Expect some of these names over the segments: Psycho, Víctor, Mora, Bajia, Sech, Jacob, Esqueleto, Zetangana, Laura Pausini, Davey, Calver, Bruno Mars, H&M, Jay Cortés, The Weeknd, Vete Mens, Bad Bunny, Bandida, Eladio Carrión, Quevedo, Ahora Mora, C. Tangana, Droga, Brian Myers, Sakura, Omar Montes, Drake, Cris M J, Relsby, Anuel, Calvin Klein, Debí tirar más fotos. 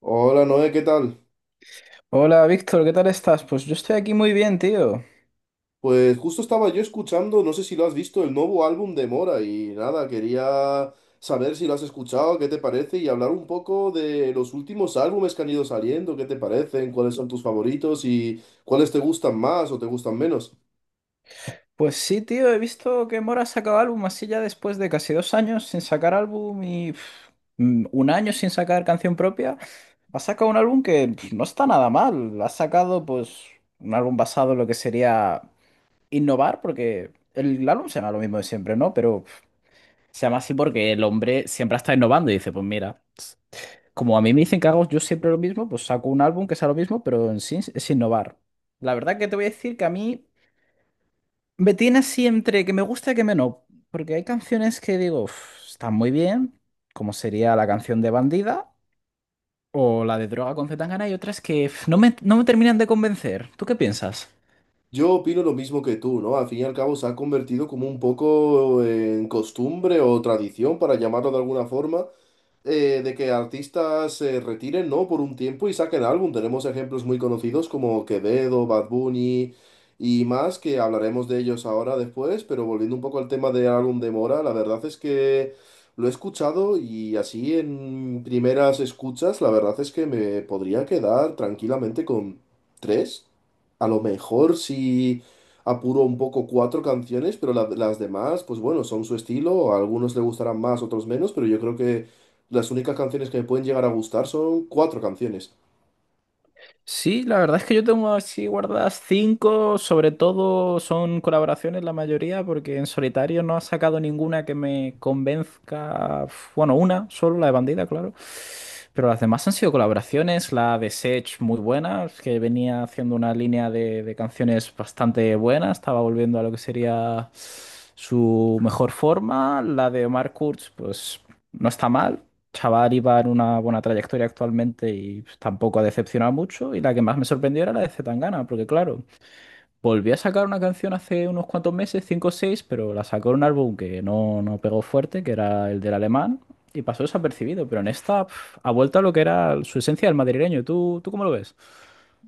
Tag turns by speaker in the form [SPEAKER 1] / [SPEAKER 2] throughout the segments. [SPEAKER 1] Hola Noé, ¿qué tal?
[SPEAKER 2] Hola Víctor, ¿qué tal estás? Pues yo estoy aquí muy bien, tío.
[SPEAKER 1] Pues justo estaba yo escuchando, no sé si lo has visto, el nuevo álbum de Mora y nada, quería saber si lo has escuchado, qué te parece y hablar un poco de los últimos álbumes que han ido saliendo, qué te parecen, cuáles son tus favoritos y cuáles te gustan más o te gustan menos.
[SPEAKER 2] Pues sí, tío, he visto que Mora ha sacado álbum así ya después de casi dos años sin sacar álbum y un año sin sacar canción propia. Ha sacado un álbum que no está nada mal. Ha sacado pues un álbum basado en lo que sería innovar, porque el álbum se llama lo mismo de siempre, ¿no? Pero se llama así porque el hombre siempre está innovando y dice, pues mira. Como a mí me dicen que hago yo siempre lo mismo, pues saco un álbum que sea lo mismo, pero en sí es innovar. La verdad que te voy a decir que a mí me tiene así entre que me gusta y que me no, porque hay canciones que digo, "Uf, están muy bien, como sería la canción de Bandida o la de Droga con C. Tangana", y otras que uf, no me terminan de convencer. ¿Tú qué piensas?
[SPEAKER 1] Yo opino lo mismo que tú, ¿no? Al fin y al cabo se ha convertido como un poco en costumbre o tradición, para llamarlo de alguna forma. De que artistas se retiren, ¿no? Por un tiempo y saquen álbum. Tenemos ejemplos muy conocidos como Quevedo, Bad Bunny y más, que hablaremos de ellos ahora después, pero volviendo un poco al tema del álbum de Mora, la verdad es que lo he escuchado y así en primeras escuchas, la verdad es que me podría quedar tranquilamente con tres, a lo mejor si... apuro un poco cuatro canciones, pero las demás, pues bueno, son su estilo, a algunos le gustarán más, otros menos, pero yo creo que las únicas canciones que me pueden llegar a gustar son cuatro canciones.
[SPEAKER 2] Sí, la verdad es que yo tengo así guardadas cinco, sobre todo son colaboraciones la mayoría, porque en solitario no ha sacado ninguna que me convenzca. Bueno, una, solo la de Bandida, claro. Pero las demás han sido colaboraciones, la de Sech muy buena, que venía haciendo una línea de canciones bastante buena, estaba volviendo a lo que sería su mejor forma. La de Omar Kurz, pues no está mal, chaval iba en una buena trayectoria actualmente y pues, tampoco ha decepcionado mucho. Y la que más me sorprendió era la de Zetangana, porque claro, volvió a sacar una canción hace unos cuantos meses, 5 o seis, pero la sacó en un álbum que no pegó fuerte, que era el del alemán, y pasó desapercibido. Pero en esta ha vuelto a lo que era su esencia del madrileño. ¿Tú cómo lo ves?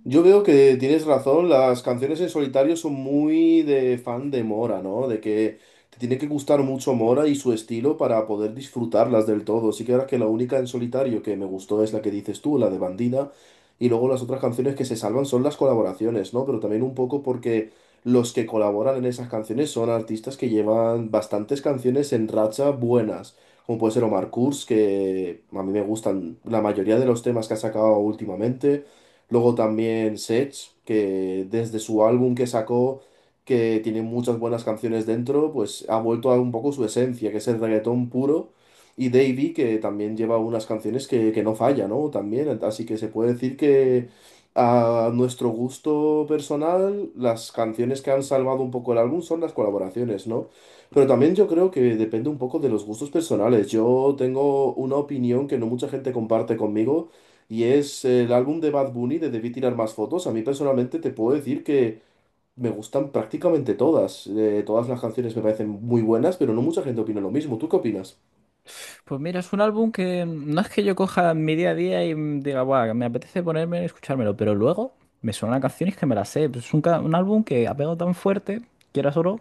[SPEAKER 1] Yo veo que tienes razón, las canciones en solitario son muy de fan de Mora, ¿no? De que te tiene que gustar mucho Mora y su estilo para poder disfrutarlas del todo. Sí que ahora que la única en solitario que me gustó es la que dices tú, la de Bandida, y luego las otras canciones que se salvan son las colaboraciones, ¿no? Pero también un poco porque los que colaboran en esas canciones son artistas que llevan bastantes canciones en racha buenas, como puede ser Omar Kurz, que a mí me gustan la mayoría de los temas que ha sacado últimamente. Luego también Sech, que desde su álbum que sacó, que tiene muchas buenas canciones dentro, pues ha vuelto a un poco su esencia, que es el reggaetón puro. Y Davey, que también lleva unas canciones que no falla, ¿no? También, así que se puede decir que a nuestro gusto personal, las canciones que han salvado un poco el álbum son las colaboraciones, ¿no? Pero también yo creo que depende un poco de los gustos personales. Yo tengo una opinión que no mucha gente comparte conmigo, y es el álbum de Bad Bunny de Debí Tirar Más Fotos. A mí personalmente te puedo decir que me gustan prácticamente todas. Todas las canciones me parecen muy buenas, pero no mucha gente opina lo mismo. ¿Tú qué opinas?
[SPEAKER 2] Pues mira, es un álbum que no es que yo coja mi día a día y diga, guau, me apetece ponerme y escuchármelo, pero luego me suenan canciones que me las sé. Pues es un, un álbum que ha pegado tan fuerte, quieras o no,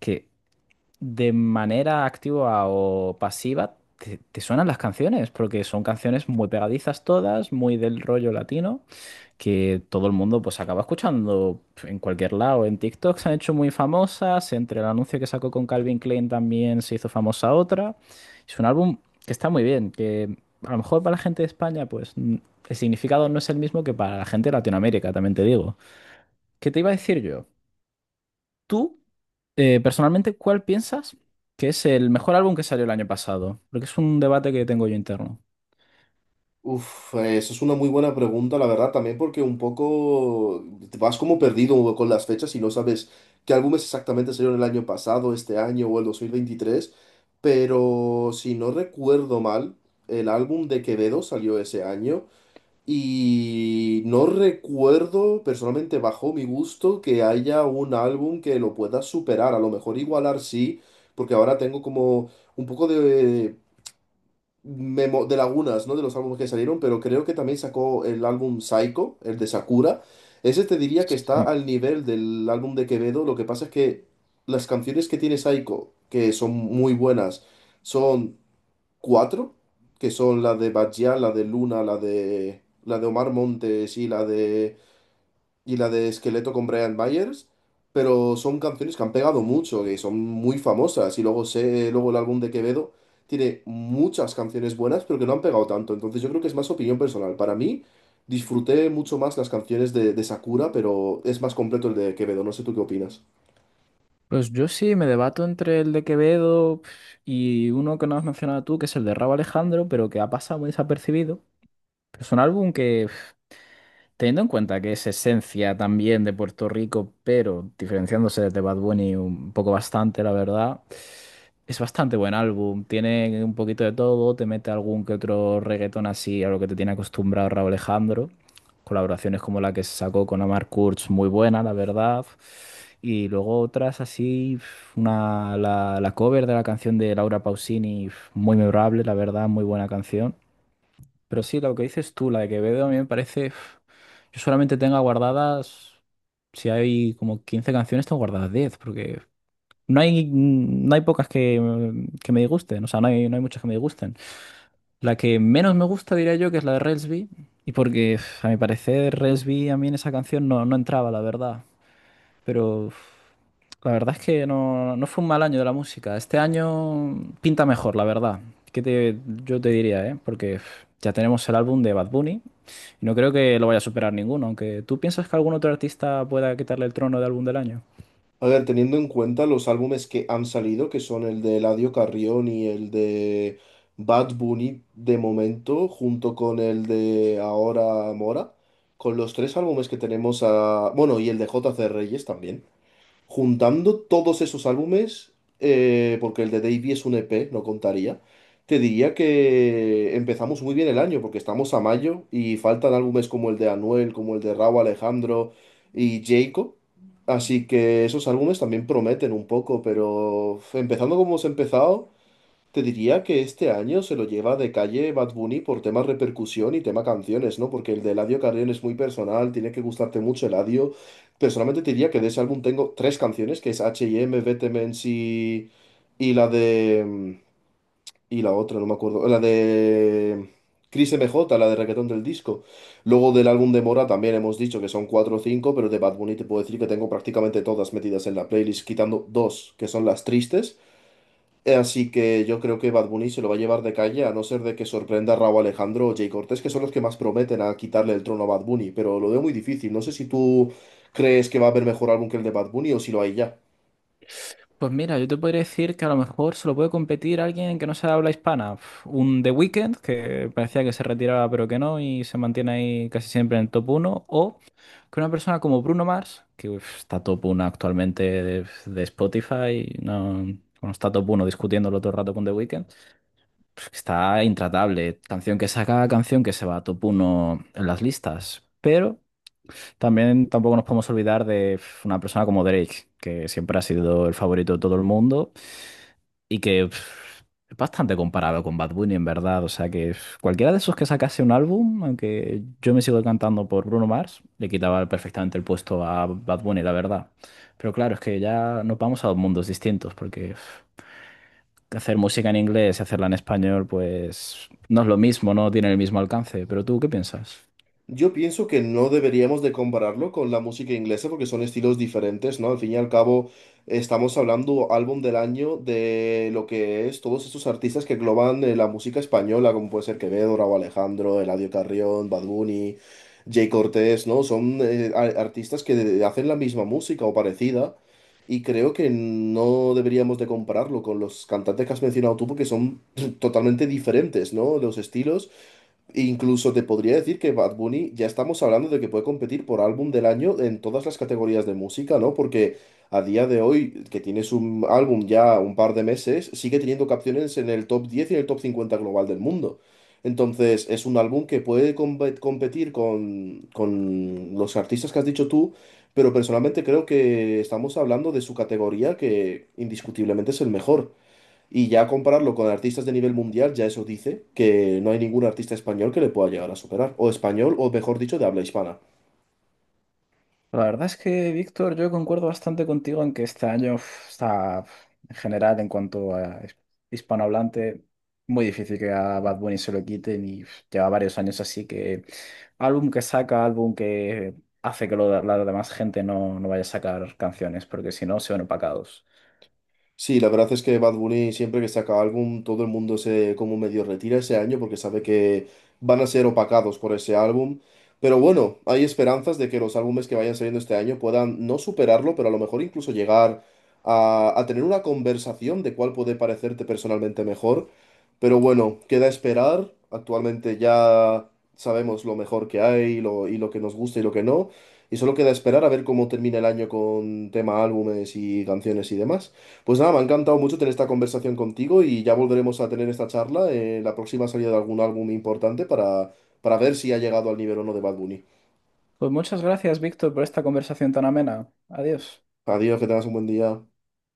[SPEAKER 2] que de manera activa o pasiva, te suenan las canciones, porque son canciones muy pegadizas todas, muy del rollo latino, que todo el mundo pues acaba escuchando en cualquier lado. En TikTok se han hecho muy famosas, entre el anuncio que sacó con Calvin Klein también se hizo famosa otra. Es un álbum que está muy bien, que a lo mejor para la gente de España pues el significado no es el mismo que para la gente de Latinoamérica, también te digo. ¿Qué te iba a decir yo? ¿Tú? Personalmente, ¿cuál piensas que es el mejor álbum que salió el año pasado? Porque es un debate que tengo yo interno.
[SPEAKER 1] Uf, eso es una muy buena pregunta, la verdad, también porque un poco te vas como perdido con las fechas y no sabes qué álbumes exactamente salieron el año pasado, este año o el 2023. Pero si no recuerdo mal, el álbum de Quevedo salió ese año. Y no recuerdo, personalmente bajo mi gusto, que haya un álbum que lo pueda superar. A lo mejor igualar sí, porque ahora tengo como un poco de lagunas, ¿no? De los álbumes que salieron, pero creo que también sacó el álbum Psycho, el de Sakura. Ese te diría que está
[SPEAKER 2] Sí.
[SPEAKER 1] al nivel del álbum de Quevedo. Lo que pasa es que las canciones que tiene Psycho, que son muy buenas, son cuatro, que son la de Bajia, la de Luna, la de Omar Montes y la de Esqueleto con Brian Myers, pero son canciones que han pegado mucho, que son muy famosas, y luego sé, luego el álbum de Quevedo tiene muchas canciones buenas, pero que no han pegado tanto, entonces yo creo que es más opinión personal. Para mí, disfruté mucho más las canciones de Sakura, pero es más completo el de Quevedo, no sé tú qué opinas.
[SPEAKER 2] Pues yo sí me debato entre el de Quevedo y uno que no has mencionado tú, que es el de Rauw Alejandro, pero que ha pasado muy desapercibido. Pero es un álbum que, teniendo en cuenta que es esencia también de Puerto Rico, pero diferenciándose de Bad Bunny un poco bastante, la verdad, es bastante buen álbum. Tiene un poquito de todo, te mete algún que otro reggaetón así a lo que te tiene acostumbrado Rauw Alejandro, colaboraciones como la que se sacó con Omar Kurz, muy buena, la verdad, y luego otras así, una, la cover de la canción de Laura Pausini, muy memorable, la verdad, muy buena canción. Pero sí, lo que dices tú, la de Quevedo, a mí me parece, yo solamente tengo guardadas, si hay como 15 canciones, tengo guardadas 10, porque... No hay, no hay pocas que, que me disgusten, o sea, no hay, no hay muchas que me disgusten. La que menos me gusta, diría yo, que es la de Relsby, y porque uf, a mi parecer Relsby a mí en esa canción no entraba, la verdad. Pero uf, la verdad es que no fue un mal año de la música. Este año pinta mejor, la verdad. ¿Qué te, yo te diría, eh? Porque uf, ya tenemos el álbum de Bad Bunny, y no creo que lo vaya a superar ninguno, aunque tú piensas que algún otro artista pueda quitarle el trono de álbum del año.
[SPEAKER 1] A ver, teniendo en cuenta los álbumes que han salido, que son el de Eladio Carrión y el de Bad Bunny de momento, junto con el de Ahora Mora, con los tres álbumes que tenemos a... Bueno, y el de J. C. Reyes también. Juntando todos esos álbumes, porque el de Davey es un EP, no contaría, te diría que empezamos muy bien el año, porque estamos a mayo y faltan álbumes como el de Anuel, como el de Rauw Alejandro y Jacob. Así que esos álbumes también prometen un poco, pero uf, empezando como hemos empezado, te diría que este año se lo lleva de calle Bad Bunny por tema repercusión y tema canciones, ¿no? Porque el de Eladio Carrión es muy personal, tiene que gustarte mucho Eladio. Personalmente te diría que de ese álbum tengo tres canciones, que es H&M, Vete Mens y la de... y la otra, no me acuerdo. La de... Cris M J, la de Reggaetón del Disco. Luego del álbum de Mora también hemos dicho que son cuatro o cinco, pero de Bad Bunny te puedo decir que tengo prácticamente todas metidas en la playlist, quitando dos, que son las tristes. Así que yo creo que Bad Bunny se lo va a llevar de calle, a no ser de que sorprenda a Rauw Alejandro o Jay Cortés, que son los que más prometen a quitarle el trono a Bad Bunny, pero lo veo muy difícil. No sé si tú crees que va a haber mejor álbum que el de Bad Bunny o si lo hay ya.
[SPEAKER 2] Pues mira, yo te podría decir que a lo mejor se lo puede competir alguien que no sea de habla hispana. Uf, un The Weeknd, que parecía que se retiraba pero que no y se mantiene ahí casi siempre en el top uno, o que una persona como Bruno Mars, que uf, está top uno actualmente de Spotify, no, bueno, está top uno discutiéndolo todo el rato con The Weeknd, pues que está intratable. Canción que saca, canción que se va a top uno en las listas. Pero también tampoco nos podemos olvidar de uf, una persona como Drake, que siempre ha sido el favorito de todo el mundo y que es bastante comparado con Bad Bunny, en verdad. O sea que cualquiera de esos que sacase un álbum, aunque yo me sigo cantando por Bruno Mars, le quitaba perfectamente el puesto a Bad Bunny, la verdad. Pero claro, es que ya nos vamos a dos mundos distintos, porque hacer música en inglés y hacerla en español, pues no es lo mismo, no tiene el mismo alcance. Pero tú, ¿qué piensas?
[SPEAKER 1] Yo pienso que no deberíamos de compararlo con la música inglesa porque son estilos diferentes, ¿no? Al fin y al cabo, estamos hablando álbum del año de lo que es todos estos artistas que engloban la música española, como puede ser Quevedo, Raúl Alejandro, Eladio Carrión, Bad Bunny, Jay Cortés, ¿no? Son artistas que hacen la misma música o parecida y creo que no deberíamos de compararlo con los cantantes que has mencionado tú porque son totalmente diferentes, ¿no? Los estilos. Incluso te podría decir que Bad Bunny ya estamos hablando de que puede competir por álbum del año en todas las categorías de música, ¿no? Porque a día de hoy, que tienes un álbum ya un par de meses, sigue teniendo canciones en el top 10 y en el top 50 global del mundo. Entonces, es un álbum que puede competir con los artistas que has dicho tú, pero personalmente creo que estamos hablando de su categoría que indiscutiblemente es el mejor. Y ya compararlo con artistas de nivel mundial, ya eso dice que no hay ningún artista español que le pueda llegar a superar. O español, o mejor dicho, de habla hispana.
[SPEAKER 2] La verdad es que, Víctor, yo concuerdo bastante contigo en que este año uf, está, uf, en general, en cuanto a hispanohablante, muy difícil que a Bad Bunny se lo quiten, y uf, lleva varios años así que álbum que saca, álbum que hace que la demás gente no vaya a sacar canciones, porque si no, se van opacados.
[SPEAKER 1] Sí, la verdad es que Bad Bunny siempre que saca álbum, todo el mundo se como medio retira ese año porque sabe que van a ser opacados por ese álbum. Pero bueno, hay esperanzas de que los álbumes que vayan saliendo este año puedan no superarlo, pero a lo mejor incluso llegar a tener una conversación de cuál puede parecerte personalmente mejor. Pero bueno, queda esperar. Actualmente ya sabemos lo mejor que hay, y lo que nos gusta y lo que no. Y solo queda esperar a ver cómo termina el año con tema álbumes y canciones y demás. Pues nada, me ha encantado mucho tener esta conversación contigo y ya volveremos a tener esta charla en la próxima salida de algún álbum importante para ver si ha llegado al nivel o no de Bad Bunny.
[SPEAKER 2] Pues muchas gracias, Víctor, por esta conversación tan amena. Adiós.
[SPEAKER 1] Adiós, que tengas un buen día.